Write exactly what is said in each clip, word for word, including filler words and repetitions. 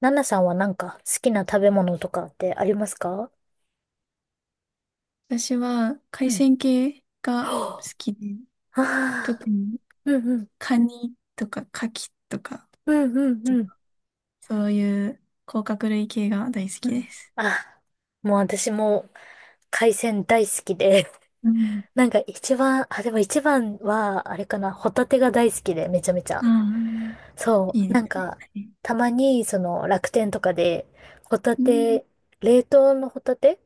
ナナさんはなんか好きな食べ物とかってありますか？私はう海ん。鮮系が好は。きで、あ、特あにーうんうん、カニとかカキとか、うんうんうん。そういう甲殻類系が大好うきん。です。あ、もう私も海鮮大好きで、うん。なんか一番、あ、でも一番は、あれかな、ホタテが大好きで、めちゃめちゃ。ああ、そいいう、なんですね。か、はい。たまに、その、楽天とかで、ホタうん。テ、冷凍のホタテ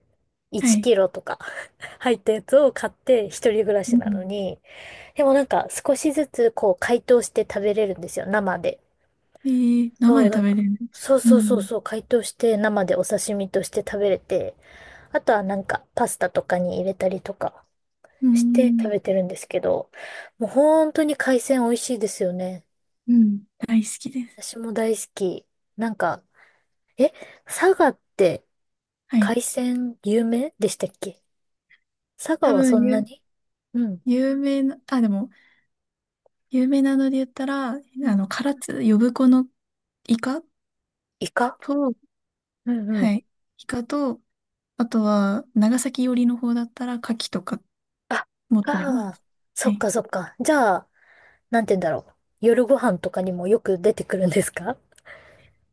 は ?いち キい。ロとか 入ったやつを買って、一人暮らうしなのん。に、でもなんか少しずつこう解凍して食べれるんですよ、生で。えー、生そでう、だ食べから、れるんです。そううそうそうん。そう、解凍して生でお刺身として食べれて、あとはなんかパスタとかに入れたりとかうして食べん。てるんですけど、もう本当に海鮮美味しいですよね。うん。大好きです。私も大好き。なんか、え、佐賀ってはい。海鮮有名でしたっけ？佐賀多はそ分、んなゆ、に。うん。有名な、あ、でも、有名なので言ったら、あうん。の、唐津、呼子のイカイカ。と、うんうはん。い。イカと、あとは、長崎寄りの方だったら、牡蠣とかあ、も取れまが、す。はそっい。かそっか。じゃあ、なんて言うんだろう。夜ご飯とかにもよく出てくるんですか？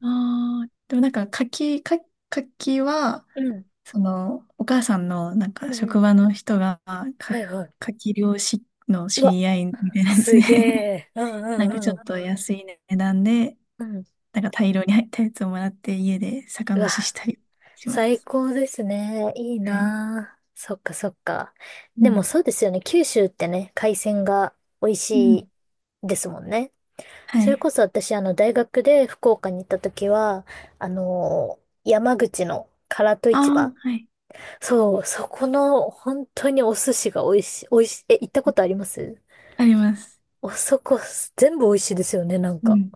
ああ、でもなんか、牡蠣、か牡蠣は、うん。その、お母さんの、なんうんか、う職ん。場の人が、かはいはい。牡蠣漁師のう知わ、り合いみたいなやつすで げ え。うんなんかうんちうょん。っと安い値段で、うん。なんか大量に入ったやつをもらって、家で酒う蒸わ、ししたりしま最す。高ですね。いいはい。なあ。そっかそっか。うでもん。そうですよね。九州ってね、海鮮が美味うん。しいですもんね。はそれい。こそ私、あの、大学で福岡に行った時は、あのー山口の唐戸あ市あ、場。はい。そう、そこの本当にお寿司が美味しい、美味しい、え、行ったことあります？あります。おそこ、全部美味しいですよね、なんうか。ん。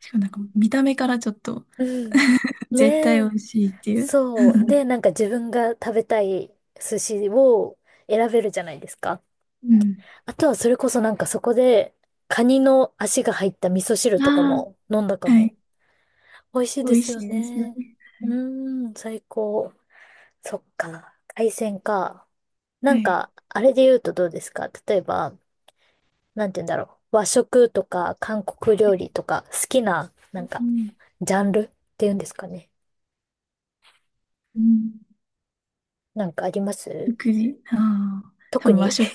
しかもなんか見た目からちょっとうん。ね絶対美え。味しいっていう。そう。で、なんか自分が食べたい寿司を選べるじゃないですか。うん。あとはそれこそなんかそこで、カニの足が入った味噌汁とかあも飲んだかあ、はも。い。美味しい美で味すしよいですよね。ね。うはーん、最高。そっか。海鮮か。なんい。か、あれで言うとどうですか、例えば、なんて言うんだろう。和食とか韓国は料理い。とか好きな、なうんかん。ジャンルっていうんですかね。うん。なんかあります？食事。ああ、多特に。 分和 食、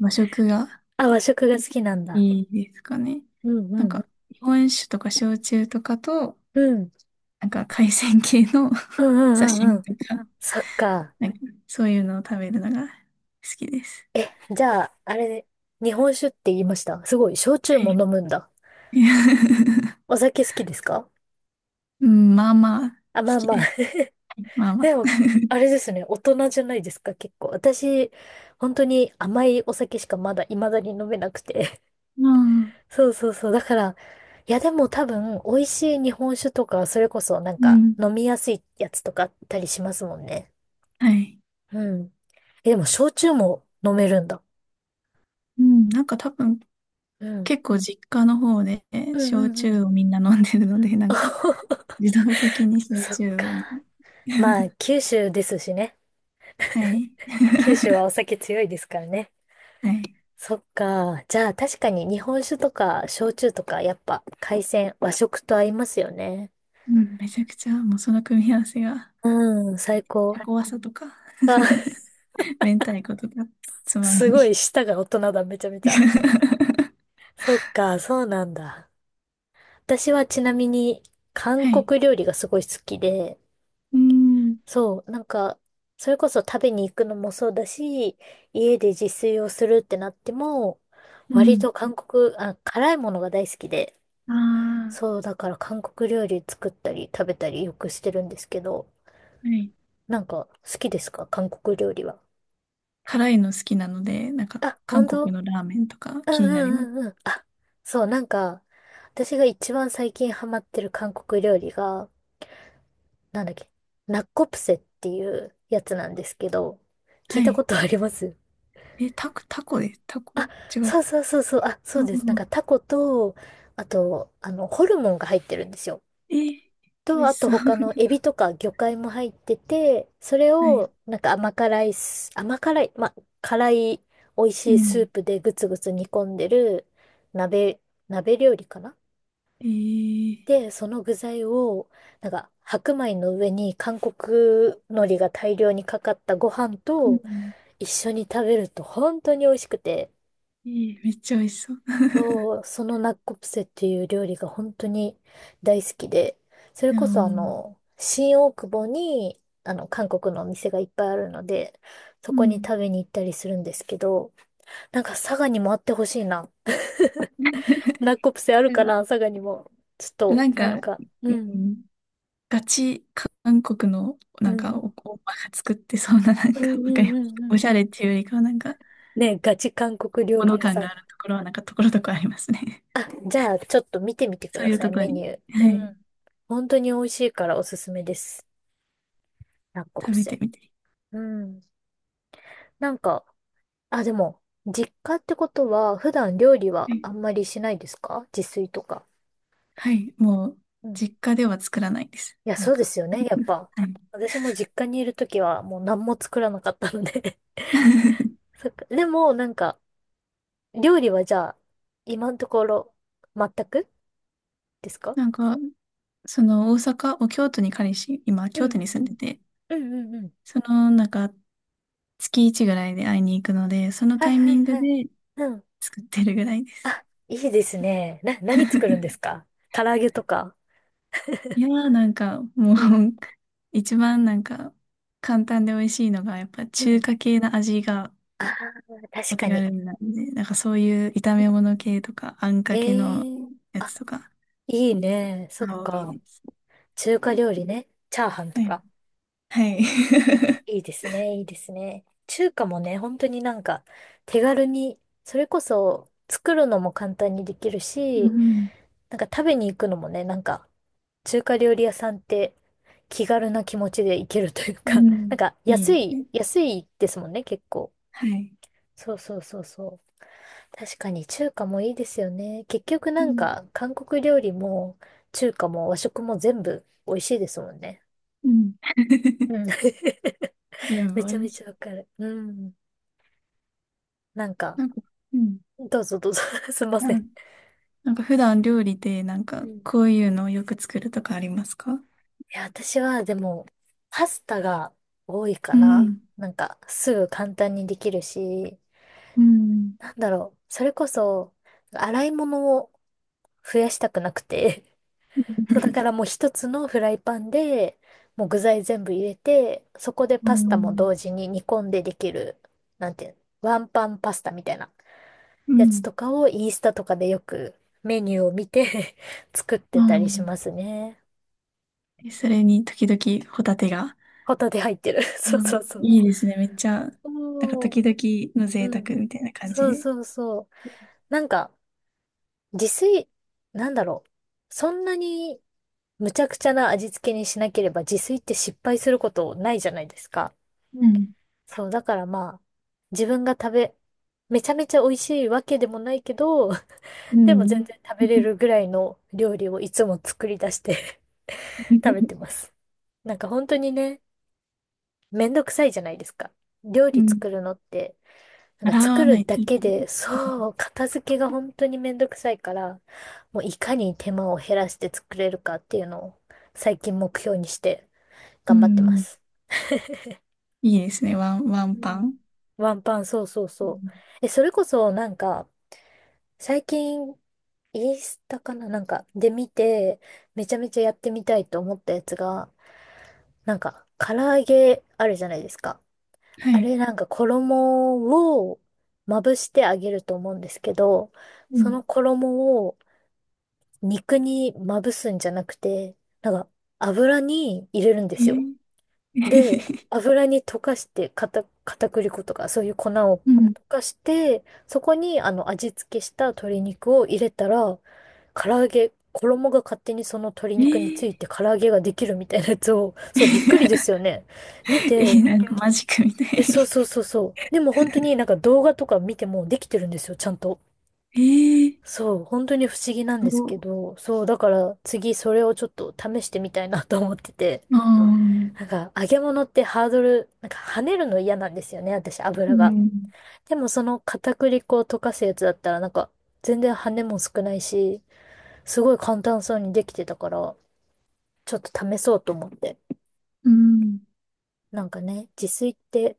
和食があ、和食が好きなんだ。いいですかね。うんなうんんか、日本酒とか焼酎とかと、うん。うん。なんか海鮮系の うんう んう刺んう身ん。とか、そっか。なんかそういうのを食べるのが好きです。じゃあ、あれ、日本酒って言いました。すごい、焼酎はもい。飲むんだ。お酒好きですか？うん、まあまあ、あ、好まあきまあ。です。ま あまあ。でも、あれですね、大人じゃないですか、結構。私、本当に甘いお酒しかまだ、未だに飲めなくて。ああ、そうそうそう。だから、いやでも多分、美味しい日本酒とか、それこそなんうか、ん。飲みやすいやつとかあったりしますもんね。はい。うん。え、でも、焼酎も飲めるんだ。うん、なんか多分、うん。結構実家の方でうん焼うんう酎ん。をみんな飲んでるので、なんか 自動的に焼そっ酎か。を。まあ、九州ですしね。はい。九州はお酒強いですからね。はい。そっか。じゃあ、確かに日本酒とか、焼酎とか、やっぱ、海鮮、和食と合いますよね。うん、めちゃくちゃ、もうその組み合わせが、うん、最高。タコワサとか、あ、明太子とか、つまみすに。ごい舌が大人だ、めちゃめちゃ。そっか、そうなんだ。私はちなみに韓はい。国料理がすごい好きで、うん。そう、なんか、それこそ食べに行くのもそうだし、家で自炊をするってなっても、う割ん。と韓国、あ、辛いものが大好きで、あそう、だから韓国料理作ったり食べたりよくしてるんですけど、あ、はい。なんか好きですか韓国料理は？辛いの好きなので、なんか、あ、韓本国当？のラーメンとかうん気になります。うんうんうん。あ、そう、なんか、私が一番最近ハマってる韓国料理が、なんだっけ、ナッコプセっていうやつなんですけど、聞はいたこい。とあります？え、タコ、タコで、タコあ、違う。そうそうそうそう、あ、そううです。なんかん。タコと、あと、あの、ホルモンが入ってるんですよ。え、美と、味あしとそう。他のエビとか魚介も入ってて、それはい。を、なんか甘辛いス、甘辛い、ま、辛い美味うしいスん。ープでぐつぐつ煮込んでる鍋、鍋料理かな。えー、で、その具材を、なんか、白米の上に韓国海苔が大量にかかったご飯うとん。一緒に食べると本当に美味しくて、えーめっちゃ美味しそう。そう、そのナッコプセっていう料理が本当に大好きで、そ れあこそあの。の、新大久保に、あの、韓国のお店がいっぱいあるので、そうこにん。食べに行ったりするんですけど、なんか佐賀にもあってほしいな。ナッコプセあるかな、佐賀にも。ちょっでなと、んなんか、か、ううん、ん、ガチ韓国の、なうんか、ん、お、おばが作ってそうな、なんうん、か、わかうりん、まうん、うす。ん、うおん。しゃれっていうよりかは、なんか、ね、ガチ韓国料本理物屋感さん。があるところは、なんか、ところどころありますね。あ、じゃあ、ちょっと見てみて くそうだいうさとい、ころメニに、ュー。うはい、ん。本当に美味しいからおすすめです。ラッコ食プべてセ。みて。うん。なんか、あ、でも、実家ってことは、普段料理ははい、あんまりしないですか、自炊とか。はいもう、うん。い実家では作らないです。や、なんそうでか、すよね、やっぱ。はい。私も実家にいるときは、もう何も作らなかったので。 そっか。でも、なんか、料理はじゃあ、今のところ、全くですか？なんか、その、大阪、お京都に彼氏、今、うん京う都に住んんうでん。て、うんうんうん。その、なんか、月つきいちぐらいで会いに行くので、そのはいタイはミいングはい。でうん。作ってるぐらいです。あ、いいですね。な、何作るんです か？唐揚げとか。いやー、なんか、もう うん。一番なんか、簡単で美味しいのが、やっぱう中ん。華系の味がああ、確おか手に。軽なんで、なんかそういう炒め物系とか、あんかけのええ。やあ、つとか、いいね。そっが多いか。です。中華料理ね。チャーハンとはい。か。はうん。い。いいですね。いいですね。中華もね、本当になんか手軽に、それこそ作るのも簡単にできる うし、ん。なんか食べに行くのもね、なんか中華料理屋さんって気軽な気持ちで行けるといううか、 なん。んかいいで安すい、ね。安いですもんね、結構。はい。そうそうそうそう。確かに中華もいいですよね。結局うなんん。か韓国料理も中華も和食も全部美味しいですもんね。うん。う ん。全め部美ちゃ味めしちい。ゃわかる。うん。なんか、なんか、うん。どうぞどうぞ。 すいません。なんか普段料理でなんうかん。いこういうのをよく作るとかありますか？うや、私はでも、パスタが多いかな。ん。なんか、すぐ簡単にできるし、うん。なんだろう。それこそ、洗い物を増やしたくなくて。そう、だからもう一つのフライパンで、もう具材全部入れて、そこでうパスタもん。同う時に煮込んでできる、なんていうの、ワンパンパスタみたいなやつん。とかをインスタとかでよくメニューを見て 作っうてたりしん。ますね。え、それに時々ホタテが。ホタテ入ってる。そううそうん、そう。いいですね。めっちゃ、なんかおー。時々の贅うん。沢みたいな感じそうで。そうそう。なんか、自炊、なんだろう。そんなにむちゃくちゃな味付けにしなければ自炊って失敗することないじゃないですか。うん。そう、だからまあ、自分が食べ、めちゃめちゃ美味しいわけでもないけど、う でも全ん。然食べれるぐらいの料理をいつも作り出して 食べてます。なんか本当にね、めんどくさいじゃないですか。料う理ん。作るのって、な洗んかわ作なるいとだいけけなで、い。そう、片付けが本当にめんどくさいから、もういかに手間を減らして作れるかっていうのを最近目標にしてう頑張ってまん。す。いいですね。ワン、ワンうパん。ン。ワンパン、そうそううそう。ん。え、それこそなんか、最近、インスタかななんか、で見て、めちゃめちゃやってみたいと思ったやつが、なんか、唐揚げあるじゃないですか。はあい。れなんか衣をまぶしてあげると思うんですけど、うそん。の衣を肉にまぶすんじゃなくて、なんか油に入れるんでえすよ。ー、で、油に溶かして、片、片栗粉とか、そういう粉を溶うん。かして、そこに、あの、味付けした鶏肉を入れたら、唐揚げ、衣が勝手にその鶏え肉につー。 いて唐揚げができるみたいなやつを、そう、びっくりで すよね。見 えて、ー、なんかマジックみたえ、そうそうい。そうそう。でも本当になんか動画とか見てもできてるんですよ、ちゃんと。ええ。そう、本当に不思議なんそですけう。ど、そう、だから次それをちょっと試してみたいなと思ってて。ああ、なんか、揚げ物ってハードル、なんか跳ねるの嫌なんですよね、私、う油が。ん、でもその片栗粉を溶かすやつだったら、なんか、全然跳ねも少ないし、すごい簡単そうにできてたから、ちょっと試そうと思って。うん。なんかね、自炊って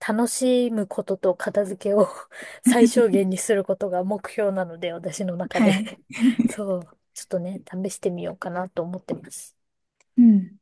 楽しむことと片付けを 最小限 にすることが目標なので、私の中はで。 い。そう、ちょっとね、試してみようかなと思ってます。うん。